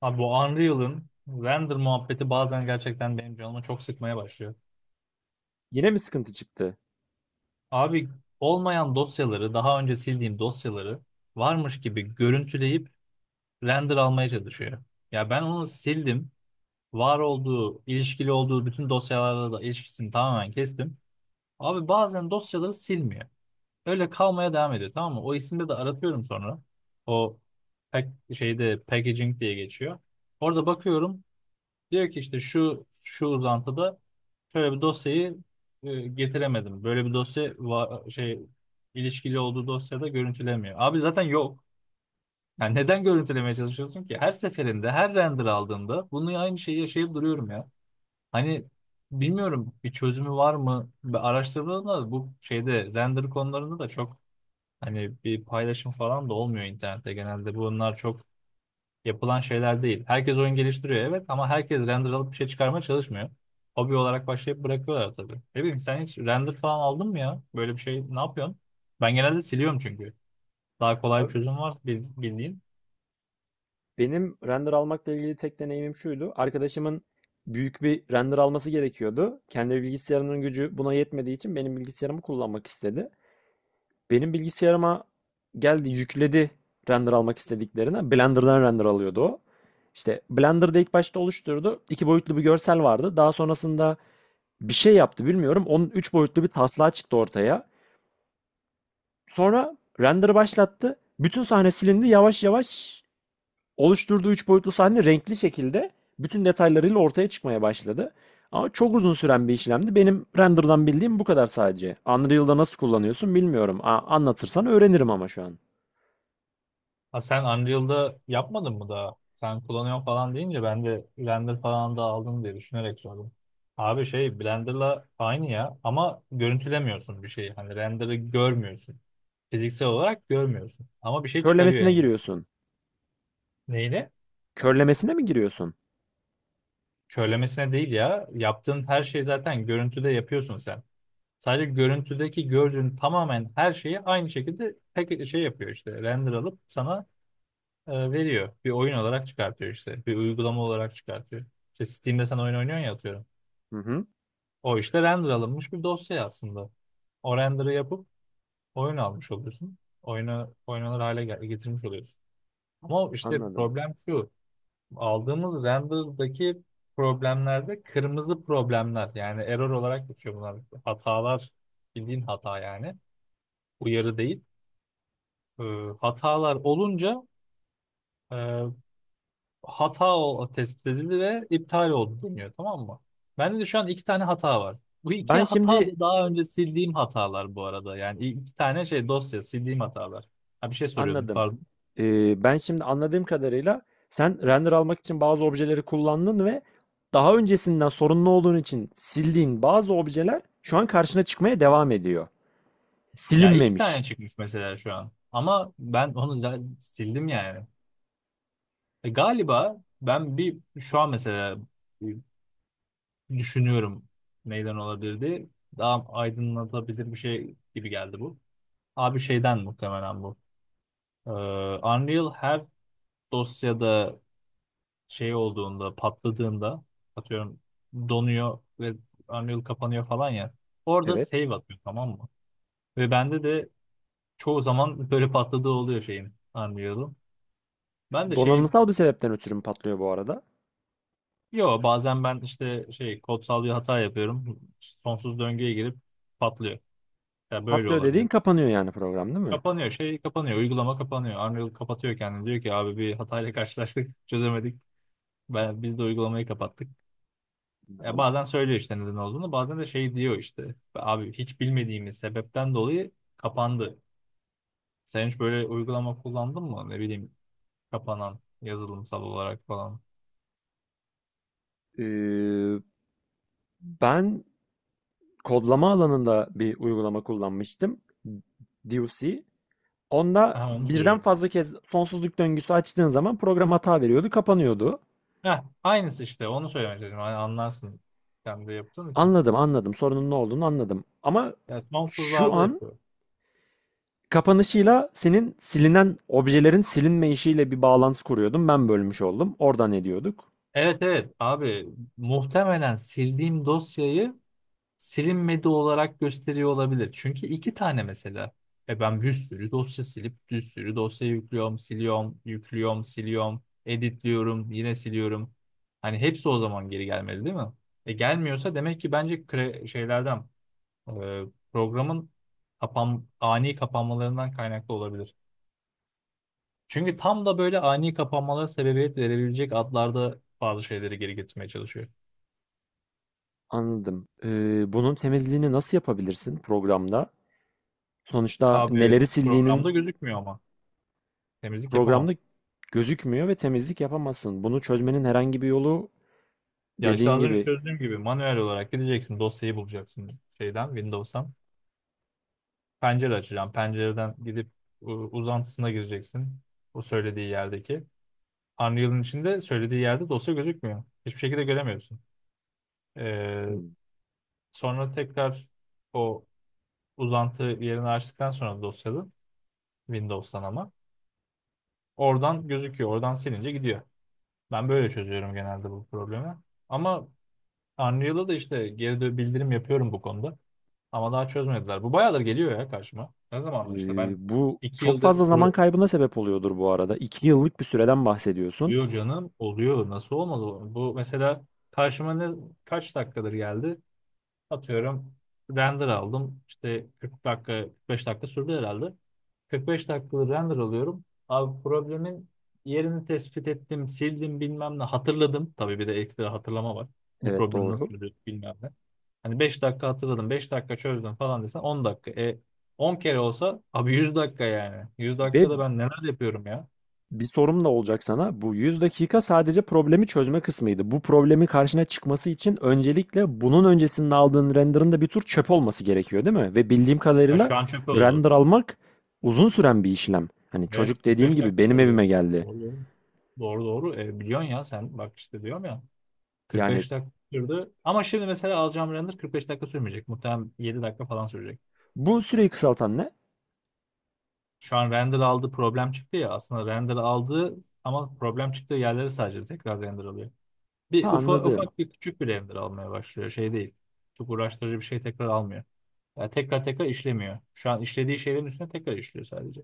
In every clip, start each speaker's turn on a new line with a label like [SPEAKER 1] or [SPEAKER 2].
[SPEAKER 1] Abi bu Unreal'ın render muhabbeti bazen gerçekten benim canımı çok sıkmaya başlıyor.
[SPEAKER 2] Yine mi sıkıntı çıktı?
[SPEAKER 1] Abi olmayan dosyaları, daha önce sildiğim dosyaları varmış gibi görüntüleyip render almaya çalışıyor. Ya ben onu sildim. Var olduğu, ilişkili olduğu bütün dosyalarla da ilişkisini tamamen kestim. Abi bazen dosyaları silmiyor. Öyle kalmaya devam ediyor, tamam mı? O isimde de aratıyorum sonra. O pack, şeyde packaging diye geçiyor. Orada bakıyorum. Diyor ki işte şu şu uzantıda şöyle bir dosyayı getiremedim. Böyle bir dosya şey ilişkili olduğu dosyada görüntülemiyor. Abi zaten yok. Yani neden görüntülemeye çalışıyorsun ki? Her seferinde, her render aldığında bunu aynı şeyi yaşayıp duruyorum ya. Hani bilmiyorum, bir çözümü var mı? Ben araştırdığımda bu şeyde render konularında da çok hani bir paylaşım falan da olmuyor internette. Genelde bunlar çok yapılan şeyler değil. Herkes oyun geliştiriyor, evet, ama herkes render alıp bir şey çıkarmaya çalışmıyor. Hobi olarak başlayıp bırakıyorlar tabii. Ne bileyim, sen hiç render falan aldın mı ya? Böyle bir şey ne yapıyorsun? Ben genelde siliyorum çünkü. Daha kolay bir
[SPEAKER 2] Abi,
[SPEAKER 1] çözüm var bildiğin.
[SPEAKER 2] benim render almakla ilgili tek deneyimim şuydu. Arkadaşımın büyük bir render alması gerekiyordu. Kendi bilgisayarının gücü buna yetmediği için benim bilgisayarımı kullanmak istedi. Benim bilgisayarıma geldi yükledi render almak istediklerini. Blender'dan render alıyordu o. İşte Blender'da ilk başta oluşturdu. İki boyutlu bir görsel vardı. Daha sonrasında bir şey yaptı bilmiyorum. Onun üç boyutlu bir taslağı çıktı ortaya. Sonra render başlattı. Bütün sahne silindi. Yavaş yavaş oluşturduğu üç boyutlu sahne renkli şekilde bütün detaylarıyla ortaya çıkmaya başladı. Ama çok uzun süren bir işlemdi. Benim render'dan bildiğim bu kadar sadece. Unreal'da nasıl kullanıyorsun bilmiyorum. Anlatırsan öğrenirim ama şu an.
[SPEAKER 1] Ha, sen Unreal'da yapmadın mı daha? Sen kullanıyorsun falan deyince ben de render falan da aldın diye düşünerek sordum. Abi şey Blender'la aynı ya, ama görüntülemiyorsun bir şeyi. Hani render'ı görmüyorsun. Fiziksel olarak görmüyorsun. Ama bir şey çıkarıyor
[SPEAKER 2] Körlemesine
[SPEAKER 1] yani.
[SPEAKER 2] giriyorsun.
[SPEAKER 1] Neyle?
[SPEAKER 2] Körlemesine mi giriyorsun?
[SPEAKER 1] Körlemesine değil ya. Yaptığın her şeyi zaten görüntüde yapıyorsun sen. Sadece görüntüdeki gördüğün tamamen her şeyi aynı şekilde pek şey yapıyor işte. Render alıp sana veriyor. Bir oyun olarak çıkartıyor işte. Bir uygulama olarak çıkartıyor. İşte Steam'de sen oyun oynuyorsun ya, atıyorum.
[SPEAKER 2] Hı hı,
[SPEAKER 1] O işte render alınmış bir dosya aslında. O render'ı yapıp oyun almış oluyorsun. Oyunu oynanır hale getirmiş oluyorsun. Ama işte
[SPEAKER 2] anladım.
[SPEAKER 1] problem şu. Aldığımız render'daki problemlerde kırmızı problemler, yani error olarak geçiyor bunlar. Hatalar, bildiğin hata yani, uyarı değil. Ee, Hatalar olunca e, hata tespit edildi ve iptal oldu deniyor, tamam mı? Bende de şu an iki tane hata var. Bu iki
[SPEAKER 2] Ben
[SPEAKER 1] hata
[SPEAKER 2] şimdi
[SPEAKER 1] da daha önce sildiğim hatalar bu arada. Yani iki tane şey dosya sildiğim hatalar. Ha, bir şey soruyordum,
[SPEAKER 2] anladım.
[SPEAKER 1] pardon.
[SPEAKER 2] Ben şimdi anladığım kadarıyla sen render almak için bazı objeleri kullandın ve daha öncesinden sorunlu olduğun için sildiğin bazı objeler şu an karşına çıkmaya devam ediyor.
[SPEAKER 1] Ya iki tane
[SPEAKER 2] Silinmemiş.
[SPEAKER 1] çıkmış mesela şu an. Ama ben onu zaten sildim yani. E, galiba ben bir şu an mesela bir düşünüyorum neyden olabilirdi. Daha aydınlatabilir bir şey gibi geldi bu. Abi şeyden muhtemelen bu. Ee, Unreal her dosyada şey olduğunda, patladığında, atıyorum, donuyor ve Unreal kapanıyor falan ya. Orada
[SPEAKER 2] Evet.
[SPEAKER 1] save atıyor, tamam mı? Ve bende de çoğu zaman böyle patladığı oluyor şeyin, Unreal'ın. Ben de şey.
[SPEAKER 2] Donanımsal bir sebepten ötürü mü patlıyor bu arada?
[SPEAKER 1] Yo, bazen ben işte şey kodsal bir hata yapıyorum. Sonsuz döngüye girip patlıyor. Ya böyle
[SPEAKER 2] Patlıyor dediğin
[SPEAKER 1] olabilir.
[SPEAKER 2] kapanıyor yani program değil mi?
[SPEAKER 1] Kapanıyor, şey kapanıyor. Uygulama kapanıyor. Unreal kapatıyor kendini. Diyor ki abi bir hatayla karşılaştık. Çözemedik. Ben, biz de uygulamayı kapattık. Ya
[SPEAKER 2] Anladım.
[SPEAKER 1] bazen söylüyor işte neden olduğunu. Bazen de şey diyor işte. Abi hiç bilmediğimiz sebepten dolayı kapandı. Sen hiç böyle uygulama kullandın mı? Ne bileyim, kapanan yazılımsal olarak falan.
[SPEAKER 2] Ee, Ben kodlama alanında bir uygulama kullanmıştım. DUC. Onda
[SPEAKER 1] Ha, onu
[SPEAKER 2] birden
[SPEAKER 1] soruyorum.
[SPEAKER 2] fazla kez sonsuzluk döngüsü açtığın zaman program hata veriyordu, kapanıyordu.
[SPEAKER 1] Heh, aynısı işte, onu söylemek istedim. Hani anlarsın. Sen de yaptığın için.
[SPEAKER 2] Anladım, anladım. Sorunun ne olduğunu anladım. Ama
[SPEAKER 1] Ya
[SPEAKER 2] şu
[SPEAKER 1] sonsuzlarda
[SPEAKER 2] an
[SPEAKER 1] yapıyor.
[SPEAKER 2] kapanışıyla senin silinen objelerin silinme işiyle bir bağlantı kuruyordum. Ben bölmüş oldum. Oradan ediyorduk.
[SPEAKER 1] Evet evet abi, muhtemelen sildiğim dosyayı silinmedi olarak gösteriyor olabilir. Çünkü iki tane mesela. E ben bir sürü dosya silip bir sürü dosya yüklüyorum, siliyorum, yüklüyorum, siliyorum, editliyorum, yine siliyorum. Hani hepsi o zaman geri gelmedi değil mi? E gelmiyorsa, demek ki bence şeylerden, e, programın ani kapanmalarından kaynaklı olabilir. Çünkü tam da böyle ani kapanmalara sebebiyet verebilecek adlarda bazı şeyleri geri getirmeye çalışıyor.
[SPEAKER 2] Anladım. Bunun temizliğini nasıl yapabilirsin programda? Sonuçta
[SPEAKER 1] Abi
[SPEAKER 2] neleri sildiğinin
[SPEAKER 1] programda gözükmüyor ama, temizlik yapamam.
[SPEAKER 2] programda gözükmüyor ve temizlik yapamazsın. Bunu çözmenin herhangi bir yolu
[SPEAKER 1] Ya işte
[SPEAKER 2] dediğin
[SPEAKER 1] az önce
[SPEAKER 2] gibi.
[SPEAKER 1] çözdüğüm gibi manuel olarak gideceksin, dosyayı bulacaksın şeyden, Windows'tan. Pencere açacağım. Pencereden gidip uzantısına gireceksin. O söylediği yerdeki. Unreal'ın içinde söylediği yerde dosya gözükmüyor. Hiçbir şekilde göremiyorsun. Ee,
[SPEAKER 2] Hmm.
[SPEAKER 1] Sonra tekrar o uzantı yerini açtıktan sonra dosyalı, Windows'tan ama. Oradan gözüküyor. Oradan silince gidiyor. Ben böyle çözüyorum genelde bu problemi. Ama Unreal'da da işte geri bildirim yapıyorum bu konuda. Ama daha çözmediler. Bu bayağıdır geliyor ya karşıma. Ne zamandır işte ben
[SPEAKER 2] Bu
[SPEAKER 1] iki
[SPEAKER 2] çok
[SPEAKER 1] yıldır
[SPEAKER 2] fazla zaman
[SPEAKER 1] pro-
[SPEAKER 2] kaybına sebep oluyordur bu arada. 2 yıllık bir süreden bahsediyorsun.
[SPEAKER 1] Yo canım, oluyor. Nasıl olmaz o? Bu mesela karşıma ne kaç dakikadır geldi? Atıyorum, render aldım. İşte 40 dakika, 45 dakika sürdü herhalde. 45 dakikalık render alıyorum. Abi problemin yerini tespit ettim, sildim bilmem ne, hatırladım. Tabii bir de ekstra hatırlama var. Bu
[SPEAKER 2] Evet
[SPEAKER 1] problemi nasıl
[SPEAKER 2] doğru.
[SPEAKER 1] çözüyorduk bilmem ne. Hani 5 dakika hatırladım, 5 dakika çözdüm falan desen 10 dakika. E 10 kere olsa abi 100 dakika yani. 100
[SPEAKER 2] Ve
[SPEAKER 1] dakikada ben neler yapıyorum ya.
[SPEAKER 2] bir sorum da olacak sana. Bu 100 dakika sadece problemi çözme kısmıydı. Bu problemin karşına çıkması için öncelikle bunun öncesinde aldığın render'ın da bir tür çöp olması gerekiyor, değil mi? Ve bildiğim
[SPEAKER 1] Ha,
[SPEAKER 2] kadarıyla
[SPEAKER 1] şu an çöp oldu.
[SPEAKER 2] render almak uzun süren bir işlem. Hani
[SPEAKER 1] Evet,
[SPEAKER 2] çocuk dediğim
[SPEAKER 1] 45
[SPEAKER 2] gibi
[SPEAKER 1] dakika
[SPEAKER 2] benim
[SPEAKER 1] sürdü.
[SPEAKER 2] evime geldi.
[SPEAKER 1] Doğru. Doğru doğru. E, biliyorsun ya, sen bak işte diyorum ya.
[SPEAKER 2] Yani
[SPEAKER 1] 45 dakika sürdü. Ama şimdi mesela alacağım render 45 dakika sürmeyecek. Muhtemelen 7 dakika falan sürecek.
[SPEAKER 2] bu süreyi kısaltan ne?
[SPEAKER 1] Şu an render aldı, problem çıktı ya. Aslında render aldı, ama problem çıktığı yerleri sadece tekrar render alıyor.
[SPEAKER 2] Ha
[SPEAKER 1] Bir
[SPEAKER 2] anladım.
[SPEAKER 1] ufak bir küçük bir render almaya başlıyor. Şey değil. Çok uğraştırıcı bir şey tekrar almıyor. Yani tekrar tekrar işlemiyor. Şu an işlediği şeylerin üstüne tekrar işliyor sadece.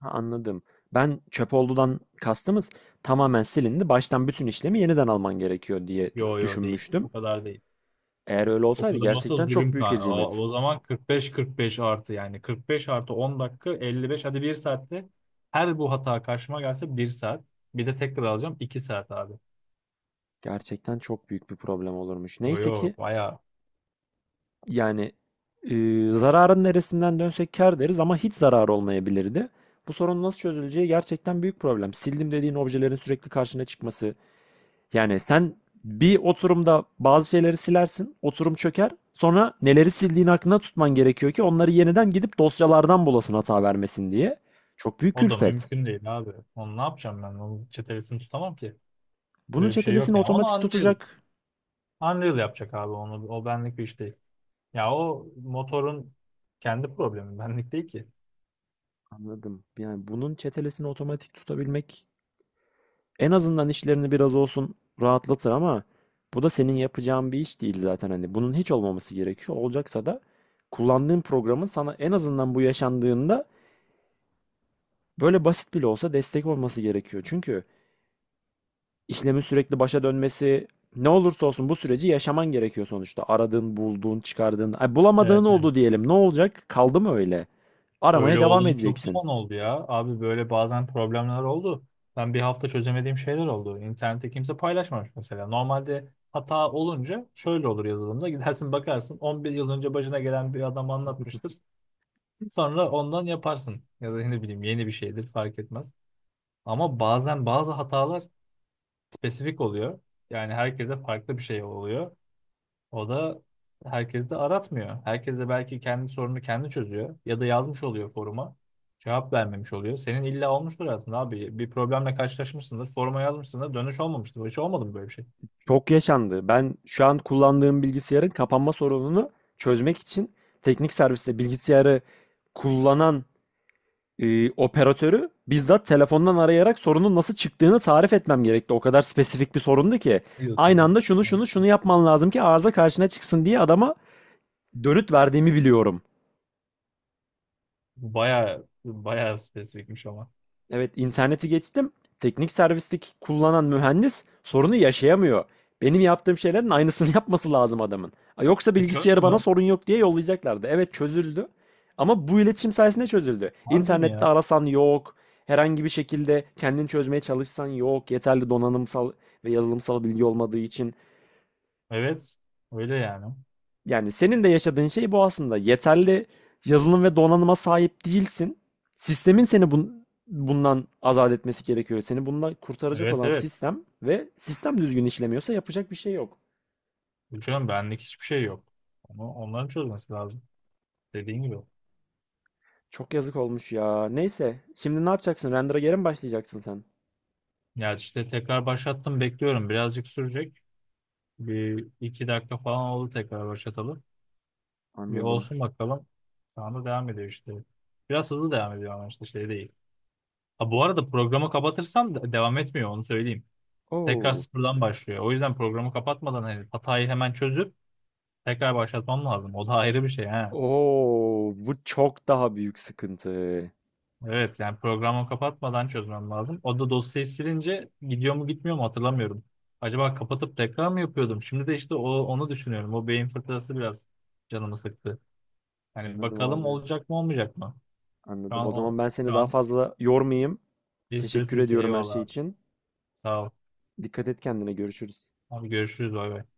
[SPEAKER 2] Ha anladım. Ben çöp oldudan kastımız tamamen silindi. Baştan bütün işlemi yeniden alman gerekiyor diye dü-
[SPEAKER 1] Yo yo, değil.
[SPEAKER 2] düşünmüştüm.
[SPEAKER 1] O kadar değil.
[SPEAKER 2] Eğer öyle
[SPEAKER 1] O
[SPEAKER 2] olsaydı
[SPEAKER 1] kadar olsa
[SPEAKER 2] gerçekten çok
[SPEAKER 1] zulüm
[SPEAKER 2] büyük
[SPEAKER 1] kan. O,
[SPEAKER 2] hezimet.
[SPEAKER 1] o zaman 45-45 artı, yani 45 artı 10 dakika 55, hadi bir saatte her bu hata karşıma gelse bir saat. Bir de tekrar alacağım 2 saat abi.
[SPEAKER 2] Gerçekten çok büyük bir problem olurmuş.
[SPEAKER 1] O
[SPEAKER 2] Neyse ki
[SPEAKER 1] yok baya.
[SPEAKER 2] yani, e, zararın neresinden dönsek kâr deriz ama hiç zarar olmayabilirdi. Bu sorun nasıl çözüleceği gerçekten büyük problem. Sildim dediğin objelerin sürekli karşına çıkması. Yani sen bir oturumda bazı şeyleri silersin, oturum çöker. Sonra neleri sildiğin aklına tutman gerekiyor ki onları yeniden gidip dosyalardan bulasın hata vermesin diye. Çok büyük
[SPEAKER 1] O da
[SPEAKER 2] külfet.
[SPEAKER 1] mümkün değil abi. Onu ne yapacağım ben? Onun çetelesini tutamam ki.
[SPEAKER 2] Bunun
[SPEAKER 1] Böyle bir şey yok
[SPEAKER 2] çetelesini
[SPEAKER 1] yani.
[SPEAKER 2] otomatik tutacak.
[SPEAKER 1] Unreal yapacak abi onu. O benlik bir iş değil. Ya o motorun kendi problemi benlik değil ki.
[SPEAKER 2] Anladım. Yani bunun çetelesini otomatik tutabilmek en azından işlerini biraz olsun rahatlatır ama bu da senin yapacağın bir iş değil zaten, hani bunun hiç olmaması gerekiyor. Olacaksa da kullandığın programın sana en azından bu yaşandığında böyle basit bile olsa destek olması gerekiyor. Çünkü işlemin sürekli başa dönmesi ne olursa olsun bu süreci yaşaman gerekiyor sonuçta. Aradığın, bulduğun, çıkardığın, ay bulamadığın
[SPEAKER 1] Evet.
[SPEAKER 2] oldu diyelim. Ne olacak? Kaldı mı öyle? Aramaya
[SPEAKER 1] Öyle
[SPEAKER 2] devam
[SPEAKER 1] olan çok
[SPEAKER 2] edeceksin.
[SPEAKER 1] zaman oldu ya. Abi böyle bazen problemler oldu. Ben bir hafta çözemediğim şeyler oldu. İnternette kimse paylaşmamış mesela. Normalde hata olunca şöyle olur yazılımda. Gidersin bakarsın 11 yıl önce başına gelen bir adam anlatmıştır. Sonra ondan yaparsın. Ya da ne bileyim, yeni bir şeydir, fark etmez. Ama bazen bazı hatalar spesifik oluyor. Yani herkese farklı bir şey oluyor. O da herkes de aratmıyor. Herkes de belki kendi sorunu kendi çözüyor ya da yazmış oluyor foruma. Cevap vermemiş oluyor. Senin illa olmuştur hayatında abi. Bir problemle karşılaşmışsındır. Foruma yazmışsındır. Dönüş olmamıştır. Hiç olmadı mı böyle bir şey?
[SPEAKER 2] Çok yaşandı. Ben şu an kullandığım bilgisayarın kapanma sorununu çözmek için teknik serviste bilgisayarı kullanan operatörü bizzat telefondan arayarak sorunun nasıl çıktığını tarif etmem gerekti. O kadar spesifik bir sorundu ki.
[SPEAKER 1] Biliyorsun
[SPEAKER 2] Aynı
[SPEAKER 1] ya?
[SPEAKER 2] anda şunu şunu şunu yapman lazım ki arıza karşına çıksın diye adama dönüt verdiğimi biliyorum.
[SPEAKER 1] Bu baya baya spesifikmiş ama.
[SPEAKER 2] Evet, interneti geçtim. Teknik servislik kullanan mühendis sorunu yaşayamıyor. Benim yaptığım şeylerin aynısını yapması lazım adamın. Ha, yoksa
[SPEAKER 1] E çözdü
[SPEAKER 2] bilgisayarı bana
[SPEAKER 1] mü?
[SPEAKER 2] sorun yok diye yollayacaklardı. Evet çözüldü. Ama bu iletişim sayesinde çözüldü.
[SPEAKER 1] Harbi mi
[SPEAKER 2] İnternette
[SPEAKER 1] ya?
[SPEAKER 2] arasan yok. Herhangi bir şekilde kendini çözmeye çalışsan yok. Yeterli donanımsal ve yazılımsal bilgi olmadığı için.
[SPEAKER 1] Evet. Öyle yani.
[SPEAKER 2] Yani senin de yaşadığın şey bu aslında. Yeterli yazılım ve donanıma sahip değilsin. Sistemin seni bundan azat etmesi gerekiyor. Seni bundan kurtaracak
[SPEAKER 1] Evet
[SPEAKER 2] olan
[SPEAKER 1] evet.
[SPEAKER 2] sistem ve sistem düzgün işlemiyorsa yapacak bir şey yok.
[SPEAKER 1] Hocam benlik hiçbir şey yok. Onu, onların çözmesi lazım. Dediğin gibi.
[SPEAKER 2] Çok yazık olmuş ya. Neyse. Şimdi ne yapacaksın? Render'a geri mi başlayacaksın sen?
[SPEAKER 1] Ya işte tekrar başlattım, bekliyorum. Birazcık sürecek. Bir iki dakika falan oldu, tekrar başlatalım. Bir
[SPEAKER 2] Anladım.
[SPEAKER 1] olsun bakalım. Şu anda devam ediyor işte. Biraz hızlı devam ediyor ama işte şey değil. Ha, bu arada programı kapatırsam da devam etmiyor, onu söyleyeyim. Tekrar
[SPEAKER 2] Oo.
[SPEAKER 1] sıfırdan başlıyor. O yüzden programı kapatmadan hani hatayı hemen çözüp tekrar başlatmam lazım. O da ayrı bir şey ha.
[SPEAKER 2] Oo, bu çok daha büyük sıkıntı.
[SPEAKER 1] Evet yani programı kapatmadan çözmem lazım. O da dosyayı silince gidiyor mu gitmiyor mu hatırlamıyorum. Acaba kapatıp tekrar mı yapıyordum? Şimdi de işte o, onu düşünüyorum. O beyin fırtınası biraz canımı sıktı. Hani
[SPEAKER 2] Anladım
[SPEAKER 1] bakalım
[SPEAKER 2] abi.
[SPEAKER 1] olacak mı olmayacak mı? Şu
[SPEAKER 2] Anladım.
[SPEAKER 1] an
[SPEAKER 2] O
[SPEAKER 1] o
[SPEAKER 2] zaman ben
[SPEAKER 1] şu
[SPEAKER 2] seni daha
[SPEAKER 1] an
[SPEAKER 2] fazla yormayayım.
[SPEAKER 1] bir sürü
[SPEAKER 2] Teşekkür
[SPEAKER 1] Türkiye.
[SPEAKER 2] ediyorum her
[SPEAKER 1] Eyvallah
[SPEAKER 2] şey
[SPEAKER 1] abi.
[SPEAKER 2] için.
[SPEAKER 1] Sağ ol.
[SPEAKER 2] Dikkat et kendine. Görüşürüz.
[SPEAKER 1] Abi görüşürüz. Bay bay.